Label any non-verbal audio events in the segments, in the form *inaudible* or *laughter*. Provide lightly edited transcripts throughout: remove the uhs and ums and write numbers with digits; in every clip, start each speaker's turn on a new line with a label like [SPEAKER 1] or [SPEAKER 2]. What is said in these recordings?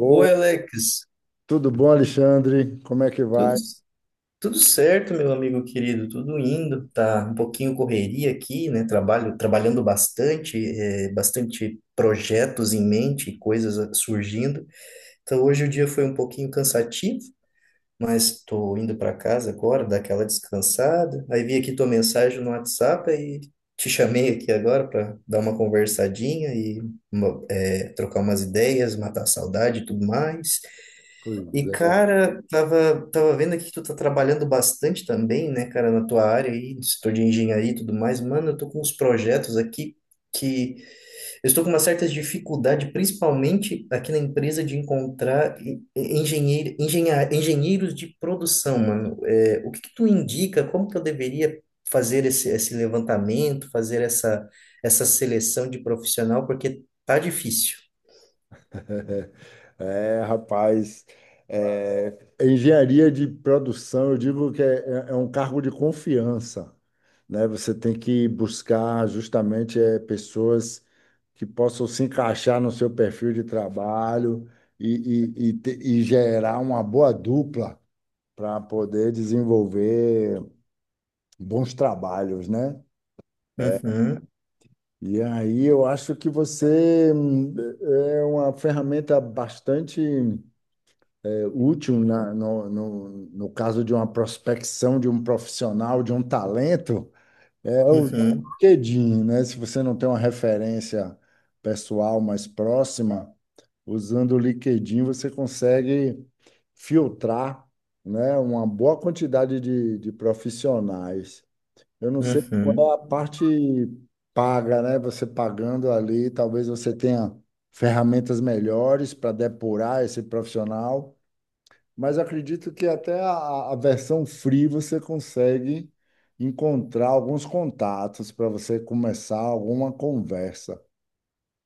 [SPEAKER 1] Oi, Alex.
[SPEAKER 2] tudo bom, Alexandre? Como é que
[SPEAKER 1] Tudo,
[SPEAKER 2] vai?
[SPEAKER 1] tudo certo, meu amigo querido? Tudo indo. Tá um pouquinho correria aqui, né? Trabalhando bastante, bastante projetos em mente, surgindo. Então, hoje o dia foi um pouquinho cansativo, mas estou indo para casa agora, dar aquela descansada. Aí vi aqui tua mensagem no WhatsApp e te chamei aqui agora para dar uma conversadinha e trocar umas ideias, matar a saudade e tudo mais.
[SPEAKER 2] Pois
[SPEAKER 1] E,
[SPEAKER 2] é.
[SPEAKER 1] cara, tava vendo aqui que tu tá trabalhando bastante também, né, cara, na tua área aí, no setor de engenharia e tudo mais. Mano, eu tô com uns projetos aqui que eu estou com uma certa dificuldade, principalmente aqui na empresa, de encontrar engenheiros de produção, mano. É, o que que tu indica? Como que eu deveria fazer esse levantamento, fazer essa seleção de profissional? Porque tá difícil.
[SPEAKER 2] *laughs* É, rapaz, engenharia de produção, eu digo é um cargo de confiança, né? Você tem que buscar justamente pessoas que possam se encaixar no seu perfil de trabalho e gerar uma boa dupla para poder desenvolver bons trabalhos, né?
[SPEAKER 1] Uhum,
[SPEAKER 2] E aí eu acho que você é uma ferramenta bastante útil no caso de uma prospecção de um profissional, de um talento, é usar o
[SPEAKER 1] uhum,
[SPEAKER 2] LinkedIn, né? Se você não tem uma referência pessoal mais próxima, usando o LinkedIn você consegue filtrar, né, uma boa quantidade de profissionais. Eu não sei
[SPEAKER 1] uhum.
[SPEAKER 2] qual é a parte paga, né? Você pagando ali, talvez você tenha ferramentas melhores para depurar esse profissional, mas eu acredito que até a versão free você consegue encontrar alguns contatos para você começar alguma conversa.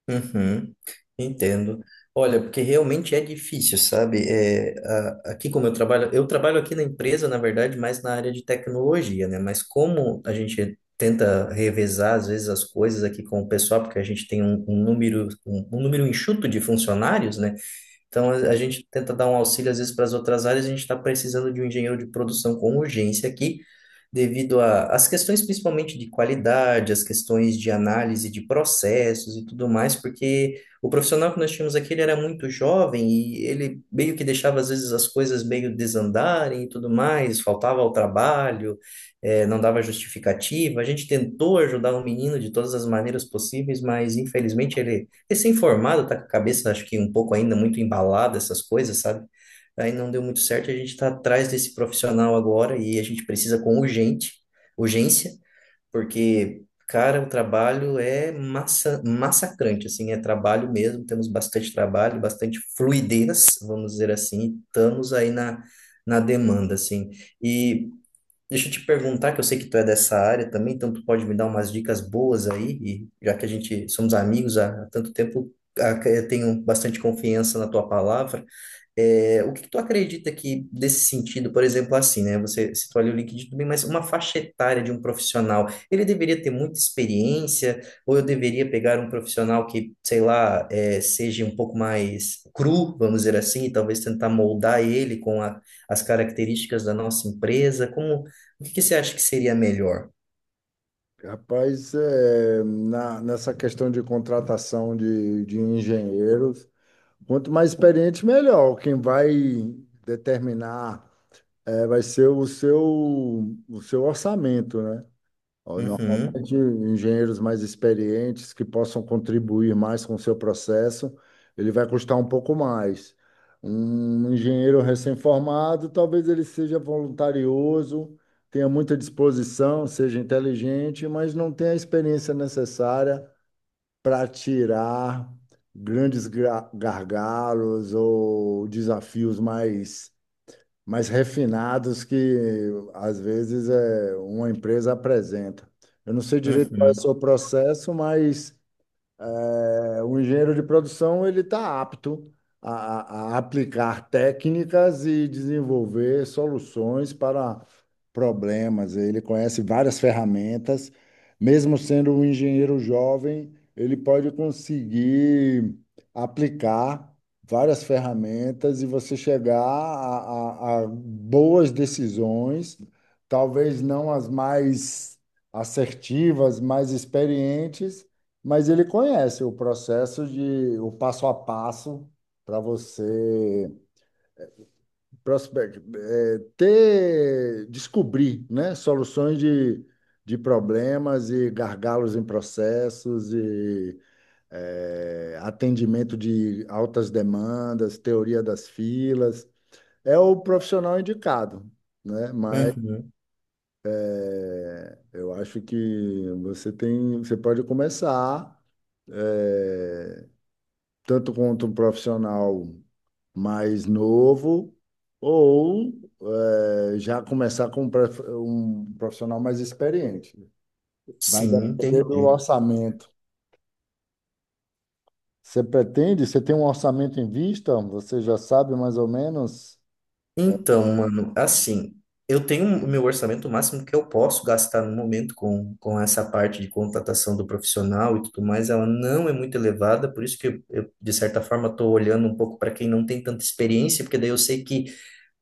[SPEAKER 1] Uhum, entendo. Olha, porque realmente é difícil, sabe? É, aqui como eu trabalho aqui na empresa, na verdade, mais na área de tecnologia, né? Mas como a gente tenta revezar, às vezes, as coisas aqui com o pessoal, porque a gente tem um número enxuto de funcionários, né? Então, a gente tenta dar um auxílio, às vezes, para as outras áreas. A gente está precisando de um engenheiro de produção com urgência aqui, devido às questões, principalmente de qualidade, as questões de análise de processos e tudo mais, porque o profissional que nós tínhamos aqui, ele era muito jovem e ele meio que deixava, às vezes, as coisas meio desandarem e tudo mais, faltava ao trabalho, não dava justificativa. A gente tentou ajudar o menino de todas as maneiras possíveis, mas, infelizmente, ele recém-formado, tá com a cabeça, acho que um pouco ainda muito embalada, essas coisas, sabe? Aí não deu muito certo, a gente está atrás desse profissional agora e a gente precisa com urgência, porque, cara, o trabalho é massacrante, assim, é trabalho mesmo, temos bastante trabalho, bastante fluidez, vamos dizer assim, estamos aí na, na demanda, assim. E deixa eu te perguntar, que eu sei que tu é dessa área também, então tu pode me dar umas dicas boas aí, e já que a gente somos amigos há tanto tempo, eu tenho bastante confiança na tua palavra. É, o que que tu acredita que desse sentido, por exemplo, assim, né? Você citou ali o LinkedIn também, mas uma faixa etária de um profissional, ele deveria ter muita experiência, ou eu deveria pegar um profissional que, sei lá, é, seja um pouco mais cru, vamos dizer assim, e talvez tentar moldar ele com as características da nossa empresa? Como, o que que você acha que seria melhor?
[SPEAKER 2] Rapaz, é, na, nessa questão de contratação de engenheiros, quanto mais experiente, melhor. Quem vai determinar vai ser o seu orçamento, né? Ó,
[SPEAKER 1] Uhum,
[SPEAKER 2] normalmente, engenheiros mais experientes que possam contribuir mais com o seu processo, ele vai custar um pouco mais. Um engenheiro recém-formado, talvez ele seja voluntarioso, tenha muita disposição, seja inteligente, mas não tenha a experiência necessária para tirar gargalos ou desafios mais refinados que às vezes uma empresa apresenta. Eu não sei direito qual é o
[SPEAKER 1] uhum,
[SPEAKER 2] seu processo, mas o engenheiro de produção ele está apto a aplicar técnicas e desenvolver soluções para problemas. Ele conhece várias ferramentas. Mesmo sendo um engenheiro jovem, ele pode conseguir aplicar várias ferramentas e você chegar a boas decisões, talvez não as mais assertivas, mais experientes, mas ele conhece o processo de o passo a passo para você descobrir, né, soluções de problemas e gargalos em processos e atendimento de altas demandas, teoria das filas. É o profissional indicado, né? Mas
[SPEAKER 1] uhum.
[SPEAKER 2] eu acho que você pode começar eh, tanto quanto um profissional mais novo, ou já começar com um profissional mais experiente. Vai
[SPEAKER 1] Sim,
[SPEAKER 2] depender do
[SPEAKER 1] entendi.
[SPEAKER 2] orçamento. Você pretende? Você tem um orçamento em vista? Você já sabe mais ou menos?
[SPEAKER 1] Então, mano, assim, eu tenho o meu orçamento máximo que eu posso gastar no momento com essa parte de contratação do profissional e tudo mais, ela não é muito elevada, por isso que eu, de certa forma, estou olhando um pouco para quem não tem tanta experiência, porque daí eu sei que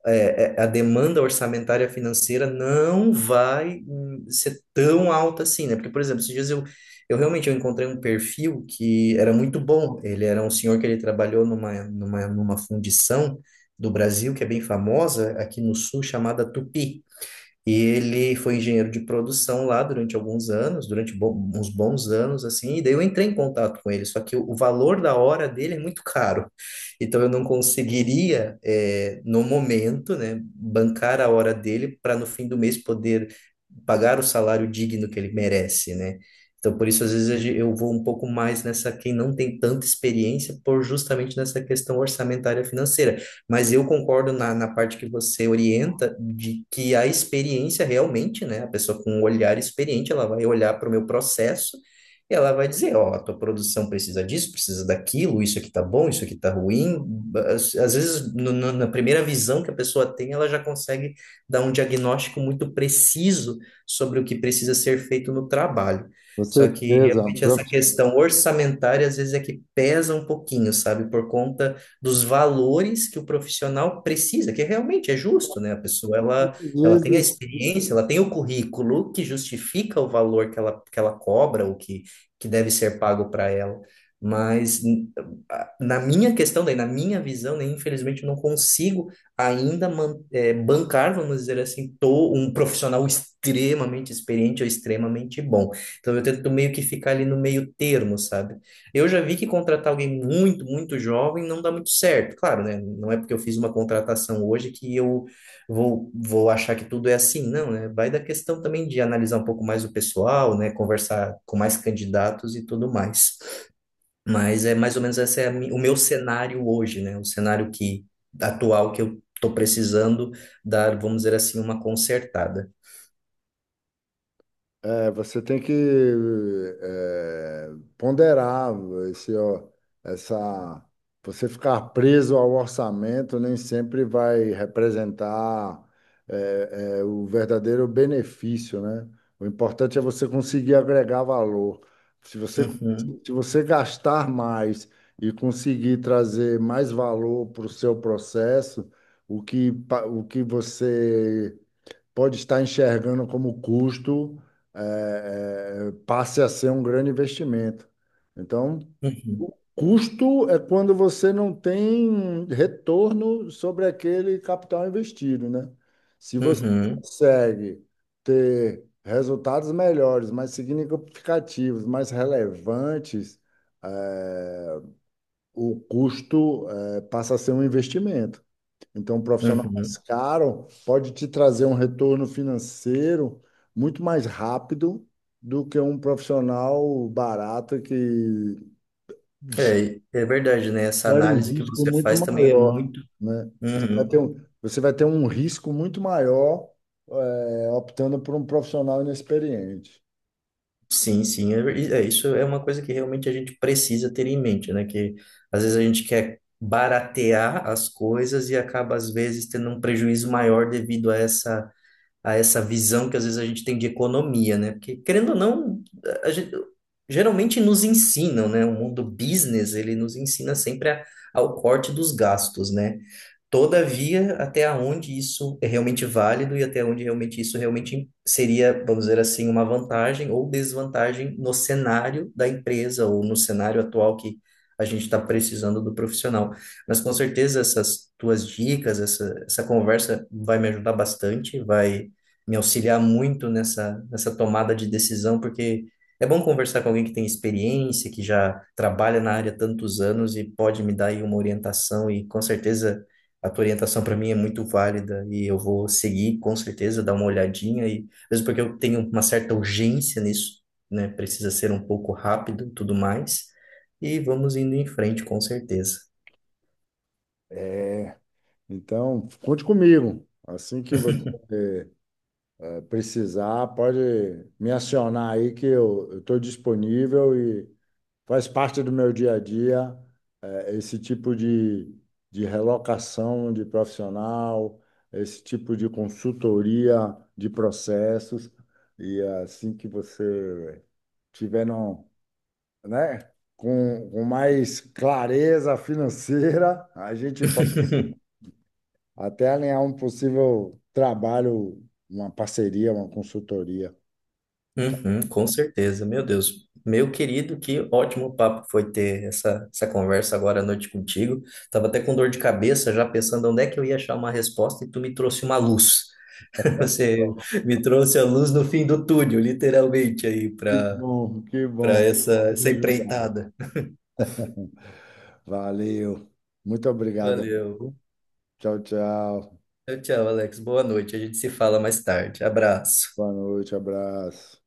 [SPEAKER 1] a demanda orçamentária financeira não vai ser tão alta assim, né? Porque, por exemplo, esses dias eu realmente eu encontrei um perfil que era muito bom. Ele era um senhor que ele trabalhou numa fundição do Brasil que é bem famosa aqui no sul, chamada Tupi. E ele foi engenheiro de produção lá durante alguns anos, uns bons anos, assim, e daí eu entrei em contato com ele, só que o valor da hora dele é muito caro. Então eu não conseguiria, no momento, né, bancar a hora dele para no fim do mês poder pagar o salário digno que ele merece, né? Então por isso às vezes eu vou um pouco mais nessa quem não tem tanta experiência por justamente nessa questão orçamentária financeira. Mas eu concordo na parte que você orienta de que a experiência realmente, né? A pessoa com um olhar experiente, ela vai olhar para o meu processo e ela vai dizer, ó, a tua produção precisa disso, precisa daquilo, isso aqui tá bom, isso aqui tá ruim. Às vezes, na primeira visão que a pessoa tem, ela já consegue dar um diagnóstico muito preciso sobre o que precisa ser feito no trabalho.
[SPEAKER 2] Com
[SPEAKER 1] Só que
[SPEAKER 2] certeza.
[SPEAKER 1] realmente essa
[SPEAKER 2] Porque,
[SPEAKER 1] questão orçamentária às vezes é que pesa um pouquinho, sabe? Por conta dos valores que o profissional precisa, que realmente é justo, né? A pessoa, ela,
[SPEAKER 2] Às
[SPEAKER 1] ela tem a
[SPEAKER 2] vezes
[SPEAKER 1] experiência, ela tem o currículo que justifica o valor que ela cobra, o que, que deve ser pago para ela. Mas na minha questão, daí, na minha visão, né, infelizmente, eu não consigo ainda bancar, vamos dizer assim, tô um profissional extremamente experiente ou extremamente bom. Então eu tento meio que ficar ali no meio termo, sabe? Eu já vi que contratar alguém muito jovem não dá muito certo. Claro, né? Não é porque eu fiz uma contratação hoje que eu vou achar que tudo é assim. Não, né? Vai da questão também de analisar um pouco mais o pessoal, né? Conversar com mais candidatos e tudo mais. Mas é mais ou menos esse é a mi- o meu cenário hoje, né? O cenário que atual que eu estou precisando dar, vamos dizer assim, uma consertada.
[SPEAKER 2] É, Você tem que é, ponderar esse, ó, essa. Você ficar preso ao orçamento nem sempre vai representar o verdadeiro benefício, né? O importante é você conseguir agregar valor. Se você,
[SPEAKER 1] Uhum,
[SPEAKER 2] Se você gastar mais e conseguir trazer mais valor para o seu processo, o que você pode estar enxergando como custo, passe a ser um grande investimento. Então,
[SPEAKER 1] uhum,
[SPEAKER 2] o custo é quando você não tem retorno sobre aquele capital investido, né? Se você
[SPEAKER 1] uhum,
[SPEAKER 2] consegue ter resultados melhores, mais significativos, mais relevantes, eh, o custo, passa a ser um investimento. Então, um profissional mais
[SPEAKER 1] uhum.
[SPEAKER 2] caro pode te trazer um retorno financeiro muito mais rápido do que um profissional barato que
[SPEAKER 1] É, é verdade, né? Essa
[SPEAKER 2] gera um
[SPEAKER 1] análise que
[SPEAKER 2] risco
[SPEAKER 1] você
[SPEAKER 2] muito
[SPEAKER 1] faz também é
[SPEAKER 2] maior,
[SPEAKER 1] muito.
[SPEAKER 2] né?
[SPEAKER 1] Uhum.
[SPEAKER 2] Você vai ter um risco muito maior, optando por um profissional inexperiente.
[SPEAKER 1] Sim, sim, isso é uma coisa que realmente a gente precisa ter em mente, né? Que às vezes a gente quer baratear as coisas e acaba às vezes tendo um prejuízo maior devido a essa visão que às vezes a gente tem de economia, né? Porque querendo ou não, a gente, geralmente nos ensinam, né? O mundo business, ele nos ensina sempre ao corte dos gastos, né? Todavia, até onde isso é realmente válido e até onde realmente isso realmente seria, vamos dizer assim, uma vantagem ou desvantagem no cenário da empresa ou no cenário atual que a gente está precisando do profissional. Mas com certeza essas tuas dicas, essa conversa vai me ajudar bastante, vai me auxiliar muito nessa tomada de decisão, porque é bom conversar com alguém que tem experiência, que já trabalha na área há tantos anos e pode me dar aí uma orientação e com certeza a tua orientação para mim é muito válida e eu vou seguir com certeza, dar uma olhadinha e mesmo porque eu tenho uma certa urgência nisso, né? Precisa ser um pouco rápido, e tudo mais. E vamos indo em frente com certeza.
[SPEAKER 2] Então, conte comigo. Assim que você precisar, pode me acionar aí que eu estou disponível e faz parte do meu dia a dia esse tipo de relocação de profissional, esse tipo de consultoria de processos, e assim que você tiver no, né, com mais clareza financeira, *laughs* a gente pode
[SPEAKER 1] *laughs*
[SPEAKER 2] até alinhar um possível trabalho, uma parceria, uma consultoria.
[SPEAKER 1] Uhum, com certeza, meu Deus. Meu querido, que ótimo papo foi ter essa conversa agora à noite contigo. Tava até com dor de cabeça, já pensando onde é que eu ia achar uma resposta, e tu me trouxe uma luz. *laughs* Você me trouxe a luz no fim do túnel, literalmente, aí,
[SPEAKER 2] Que bom, que
[SPEAKER 1] para
[SPEAKER 2] bom.
[SPEAKER 1] essa,
[SPEAKER 2] Vou
[SPEAKER 1] essa
[SPEAKER 2] ajudar.
[SPEAKER 1] empreitada.
[SPEAKER 2] Valeu. Muito obrigado.
[SPEAKER 1] Valeu.
[SPEAKER 2] Tchau, tchau.
[SPEAKER 1] Tchau, tchau, Alex. Boa noite. A gente se fala mais tarde. Abraço.
[SPEAKER 2] Boa noite, abraço.